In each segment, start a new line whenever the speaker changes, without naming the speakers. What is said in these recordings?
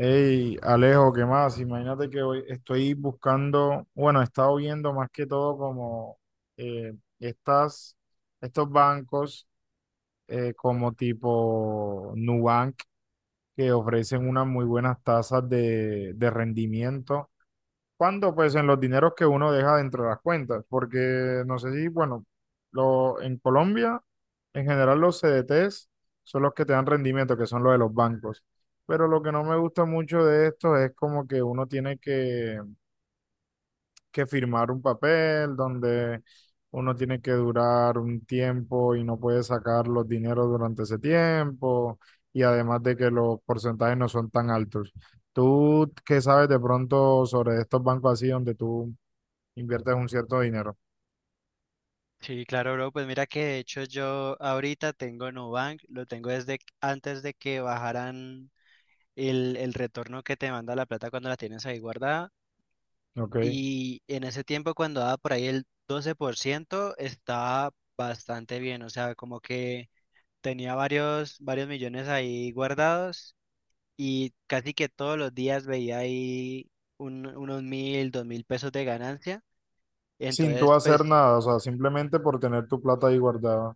Hey, Alejo, ¿qué más? Imagínate que hoy estoy buscando, bueno, he estado viendo más que todo como eh, estas, estos bancos como tipo Nubank que ofrecen unas muy buenas tasas de rendimiento. ¿Cuándo? Pues en los dineros que uno deja dentro de las cuentas, porque no sé si, bueno, en Colombia, en general los CDTs son los que te dan rendimiento, que son los de los bancos. Pero lo que no me gusta mucho de esto es como que uno tiene que firmar un papel donde uno tiene que durar un tiempo y no puede sacar los dineros durante ese tiempo, y además de que los porcentajes no son tan altos. ¿Tú qué sabes de pronto sobre estos bancos así donde tú inviertes un cierto dinero?
Sí, claro, bro. Pues mira que de hecho yo ahorita tengo Nubank, lo tengo desde antes de que bajaran el retorno que te manda la plata cuando la tienes ahí guardada.
¿Ok?
Y en ese tiempo cuando daba por ahí el 12% estaba bastante bien. O sea, como que tenía varios millones ahí guardados y casi que todos los días veía ahí unos 1,000, 2,000 pesos de ganancia.
Sin tú
Entonces,
hacer
pues
nada, o sea, simplemente por tener tu plata ahí guardada.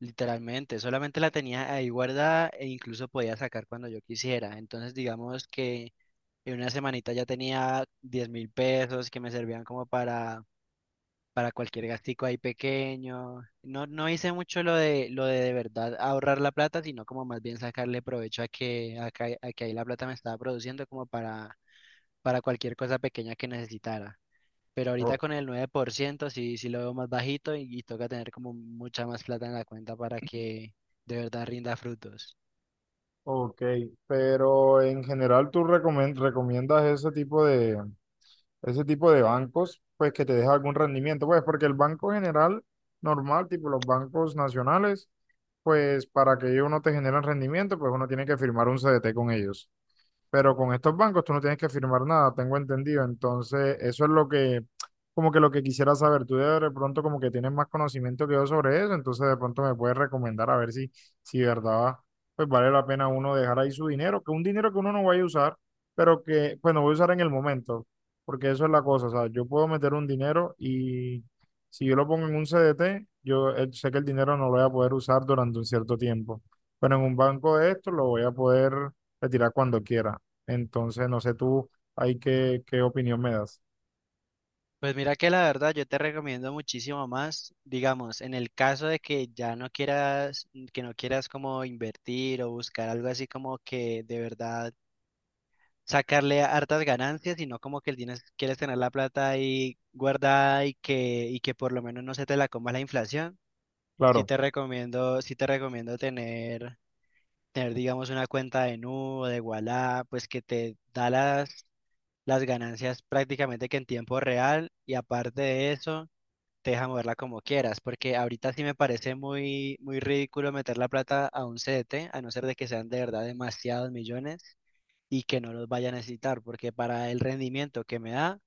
literalmente, solamente la tenía ahí guardada e incluso podía sacar cuando yo quisiera. Entonces, digamos que en una semanita ya tenía 10,000 pesos que me servían como para cualquier gastico ahí pequeño. No, no hice mucho lo de de verdad ahorrar la plata, sino como más bien sacarle provecho a que, a que ahí la plata me estaba produciendo como para cualquier cosa pequeña que necesitara. Pero ahorita
O-
con el 9% sí, sí lo veo más bajito y toca tener como mucha más plata en la cuenta para que de verdad rinda frutos.
ok, pero en general tú recomiendas ese tipo de bancos, pues que te deja algún rendimiento, pues porque el banco general normal, tipo los bancos nacionales, pues para que ellos no te generen rendimiento, pues uno tiene que firmar un CDT con ellos. Pero con estos bancos tú no tienes que firmar nada, tengo entendido. Entonces, eso es lo que, como que lo que quisiera saber. Tú de pronto como que tienes más conocimiento que yo sobre eso, entonces de pronto me puedes recomendar a ver si de verdad, pues vale la pena uno dejar ahí su dinero, que un dinero que uno no vaya a usar, pero que, pues no voy a usar en el momento, porque eso es la cosa. O sea, yo puedo meter un dinero y si yo lo pongo en un CDT, yo sé que el dinero no lo voy a poder usar durante un cierto tiempo. Pero en un banco de esto lo voy a poder retirar cuando quiera. Entonces, no sé tú, hay qué opinión me das.
Pues mira que la verdad yo te recomiendo muchísimo más, digamos, en el caso de que ya no quieras, que no quieras como invertir o buscar algo así como que de verdad sacarle hartas ganancias, sino como que tienes, quieres tener la plata ahí guardada y que por lo menos no se te la coma la inflación.
Claro.
Sí te recomiendo tener, digamos, una cuenta de Nu, de Ualá, pues que te da las ganancias prácticamente que en tiempo real y aparte de eso, te deja moverla como quieras, porque ahorita sí me parece muy, muy ridículo meter la plata a un CDT, a no ser de que sean de verdad demasiados millones y que no los vaya a necesitar, porque para el rendimiento que me da,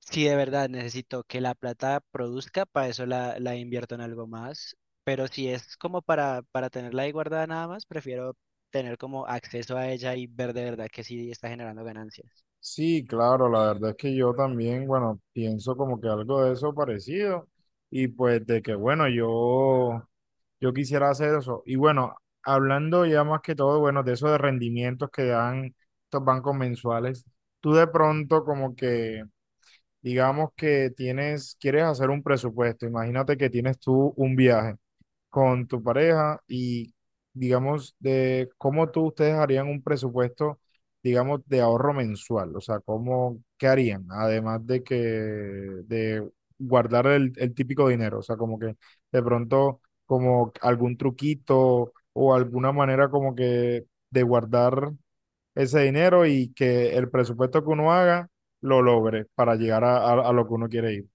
sí, de verdad, necesito que la plata produzca, para eso la invierto en algo más. Pero si es como para tenerla ahí guardada nada más, prefiero tener como acceso a ella y ver de verdad que sí está generando ganancias.
Sí, claro, la verdad es que yo también, bueno, pienso como que algo de eso parecido y pues de que, bueno, yo quisiera hacer eso. Y bueno, hablando ya más que todo, bueno, de eso de rendimientos que dan estos bancos mensuales, tú de pronto como que, digamos que tienes, quieres hacer un presupuesto, imagínate que tienes tú un viaje con tu pareja y, digamos, de cómo tú ustedes harían un presupuesto, digamos, de ahorro mensual, o sea, cómo, qué harían, además de que, de guardar el típico dinero, o sea, como que de pronto, como algún truquito o alguna manera como que de guardar ese dinero y que el presupuesto que uno haga lo logre para llegar a lo que uno quiere ir.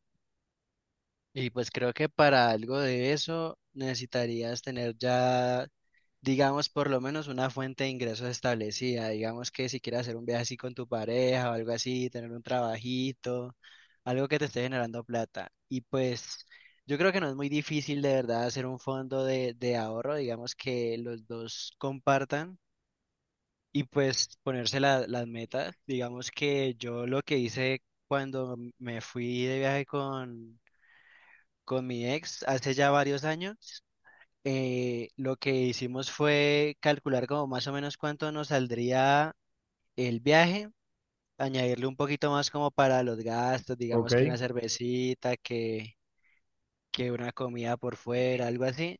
Y pues creo que para algo de eso necesitarías tener ya, digamos, por lo menos una fuente de ingresos establecida. Digamos que si quieres hacer un viaje así con tu pareja o algo así, tener un trabajito, algo que te esté generando plata. Y pues yo creo que no es muy difícil de verdad hacer un fondo de ahorro, digamos que los dos compartan y pues ponerse las metas. Digamos que yo lo que hice cuando me fui de viaje con mi ex hace ya varios años, lo que hicimos fue calcular como más o menos cuánto nos saldría el viaje, añadirle un poquito más como para los gastos, digamos que
¿Ok?
una cervecita, que una comida por fuera, algo así,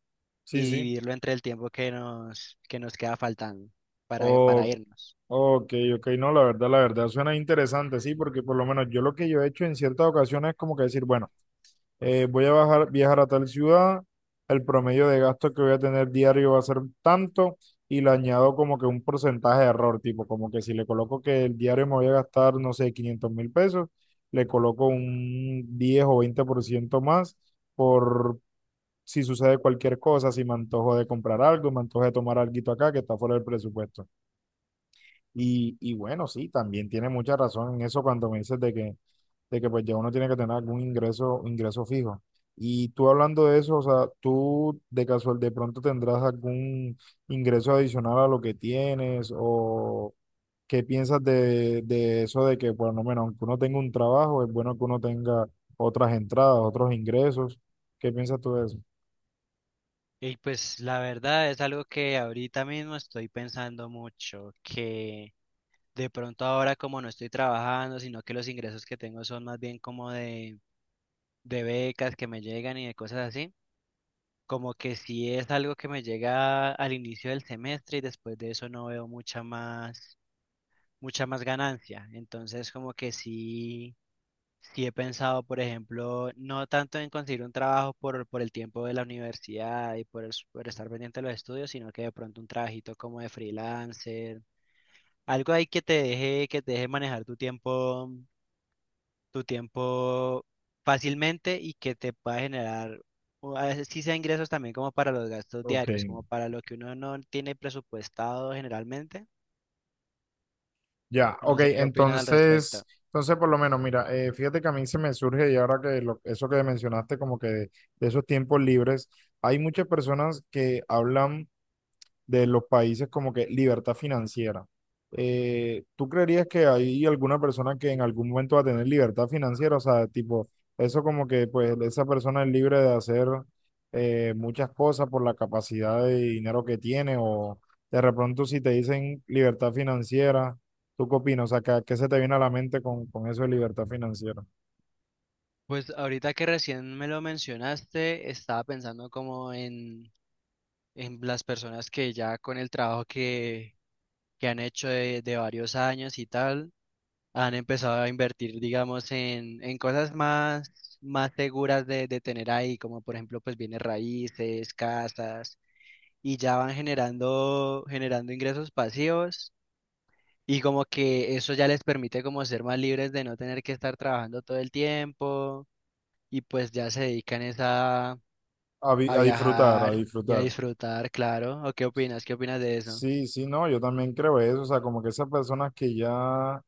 y
Sí, sí.
dividirlo entre el tiempo que nos queda faltando para
Ok.
irnos.
Ok, ok, no, la verdad suena interesante, sí, porque por lo menos yo lo que yo he hecho en ciertas ocasiones es como que decir, bueno, viajar a tal ciudad, el promedio de gasto que voy a tener diario va a ser tanto y le añado como que un porcentaje de error, tipo, como que si le coloco que el diario me voy a gastar, no sé, 500.000 pesos, le coloco un 10 o 20 por ciento más por si sucede cualquier cosa, si me antojo de comprar algo, me antojo de tomar algo acá que está fuera del presupuesto. Y bueno, sí, también tiene mucha razón en eso cuando me dices de que pues ya uno tiene que tener algún ingreso, fijo. Y tú hablando de eso, o sea, tú de casual de pronto tendrás algún ingreso adicional a lo que tienes o qué piensas de eso de que por lo menos aunque uno tenga un trabajo, es bueno que uno tenga otras entradas, otros ingresos. ¿Qué piensas tú de eso?
Y pues la verdad es algo que ahorita mismo estoy pensando mucho, que de pronto ahora como no estoy trabajando, sino que los ingresos que tengo son más bien como de becas que me llegan y de cosas así. Como que si es algo que me llega al inicio del semestre y después de eso no veo mucha más ganancia. Entonces como que sí, sí he pensado, por ejemplo, no tanto en conseguir un trabajo por el tiempo de la universidad y por, por estar pendiente de los estudios, sino que de pronto un trabajito como de freelancer, algo ahí que te deje manejar tu tiempo fácilmente y que te pueda generar, o a veces sí sea ingresos también como para los gastos
Ok.
diarios, como para lo que uno no tiene presupuestado generalmente.
Ya,
No
ok,
sé qué opinas al respecto.
entonces, entonces por lo menos, mira, fíjate que a mí se me surge y ahora que eso que mencionaste como que de esos tiempos libres, hay muchas personas que hablan de los países como que libertad financiera. ¿Tú creerías que hay alguna persona que en algún momento va a tener libertad financiera? O sea, tipo, eso como que pues esa persona es libre de hacer muchas cosas por la capacidad de dinero que tiene o de repente si te dicen libertad financiera, ¿tú qué opinas? O sea, ¿qué, qué se te viene a la mente con eso de libertad financiera?
Pues ahorita que recién me lo mencionaste, estaba pensando como en las personas que ya con el trabajo que han hecho de varios años y tal, han empezado a invertir, digamos, en cosas más, más seguras de tener ahí, como por ejemplo, pues bienes raíces, casas, y ya van generando, generando ingresos pasivos, y como que eso ya les permite como ser más libres de no tener que estar trabajando todo el tiempo, y pues ya se dedican es a
A disfrutar, a
viajar y a
disfrutar.
disfrutar, claro. ¿O qué opinas? ¿Qué opinas de eso?
Sí, sí, no, yo también creo eso, o sea, como que esas personas que ya.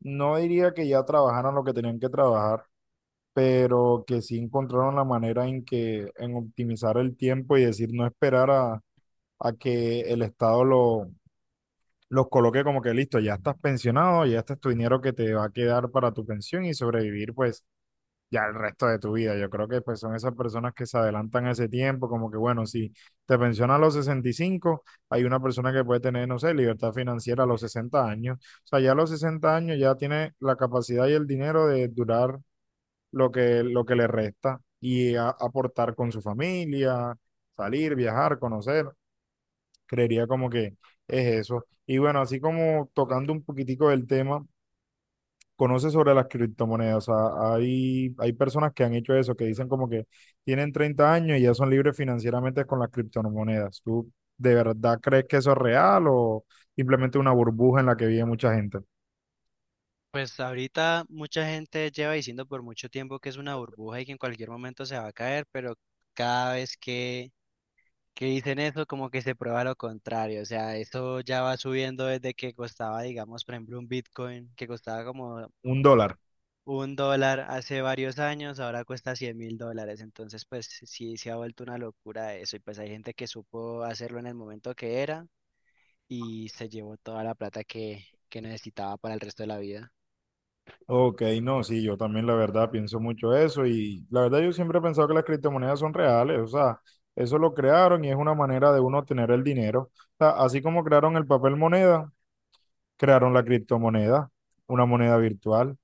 No diría que ya trabajaron lo que tenían que trabajar, pero que sí encontraron la manera en que en optimizar el tiempo y decir no esperar a que el Estado los coloque como que listo, ya estás pensionado, ya este es tu dinero que te va a quedar para tu pensión y sobrevivir pues ya el resto de tu vida. Yo creo que pues son esas personas que se adelantan a ese tiempo, como que bueno, si te pensionas a los 65 hay una persona que puede tener, no sé, libertad financiera a los 60 años. O sea, ya a los 60 años ya tiene la capacidad y el dinero de durar lo que le resta y aportar con su familia, salir, viajar, conocer. Creería como que es eso. Y bueno, así como tocando un poquitico del tema conoce sobre las criptomonedas. O sea, hay personas que han hecho eso, que dicen como que tienen 30 años y ya son libres financieramente con las criptomonedas. ¿Tú de verdad crees que eso es real o simplemente una burbuja en la que vive mucha gente?
Pues ahorita mucha gente lleva diciendo por mucho tiempo que es una burbuja y que en cualquier momento se va a caer, pero cada vez que dicen eso, como que se prueba lo contrario. O sea, eso ya va subiendo desde que costaba, digamos, por ejemplo, un Bitcoin, que costaba como
Un dólar.
$1 hace varios años, ahora cuesta $100,000. Entonces, pues sí, se ha vuelto una locura eso. Y pues hay gente que supo hacerlo en el momento que era y se llevó toda la plata que necesitaba para el resto de la vida.
Ok, no, sí, yo también la verdad pienso mucho eso y la verdad yo siempre he pensado que las criptomonedas son reales, o sea, eso lo crearon y es una manera de uno obtener el dinero. O sea, así como crearon el papel moneda, crearon la criptomoneda, una moneda virtual.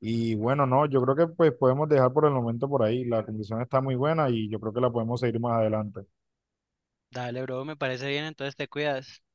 Y bueno, no, yo creo que pues podemos dejar por el momento por ahí. La condición está muy buena y yo creo que la podemos seguir más adelante.
Dale, bro, me parece bien, entonces te cuidas.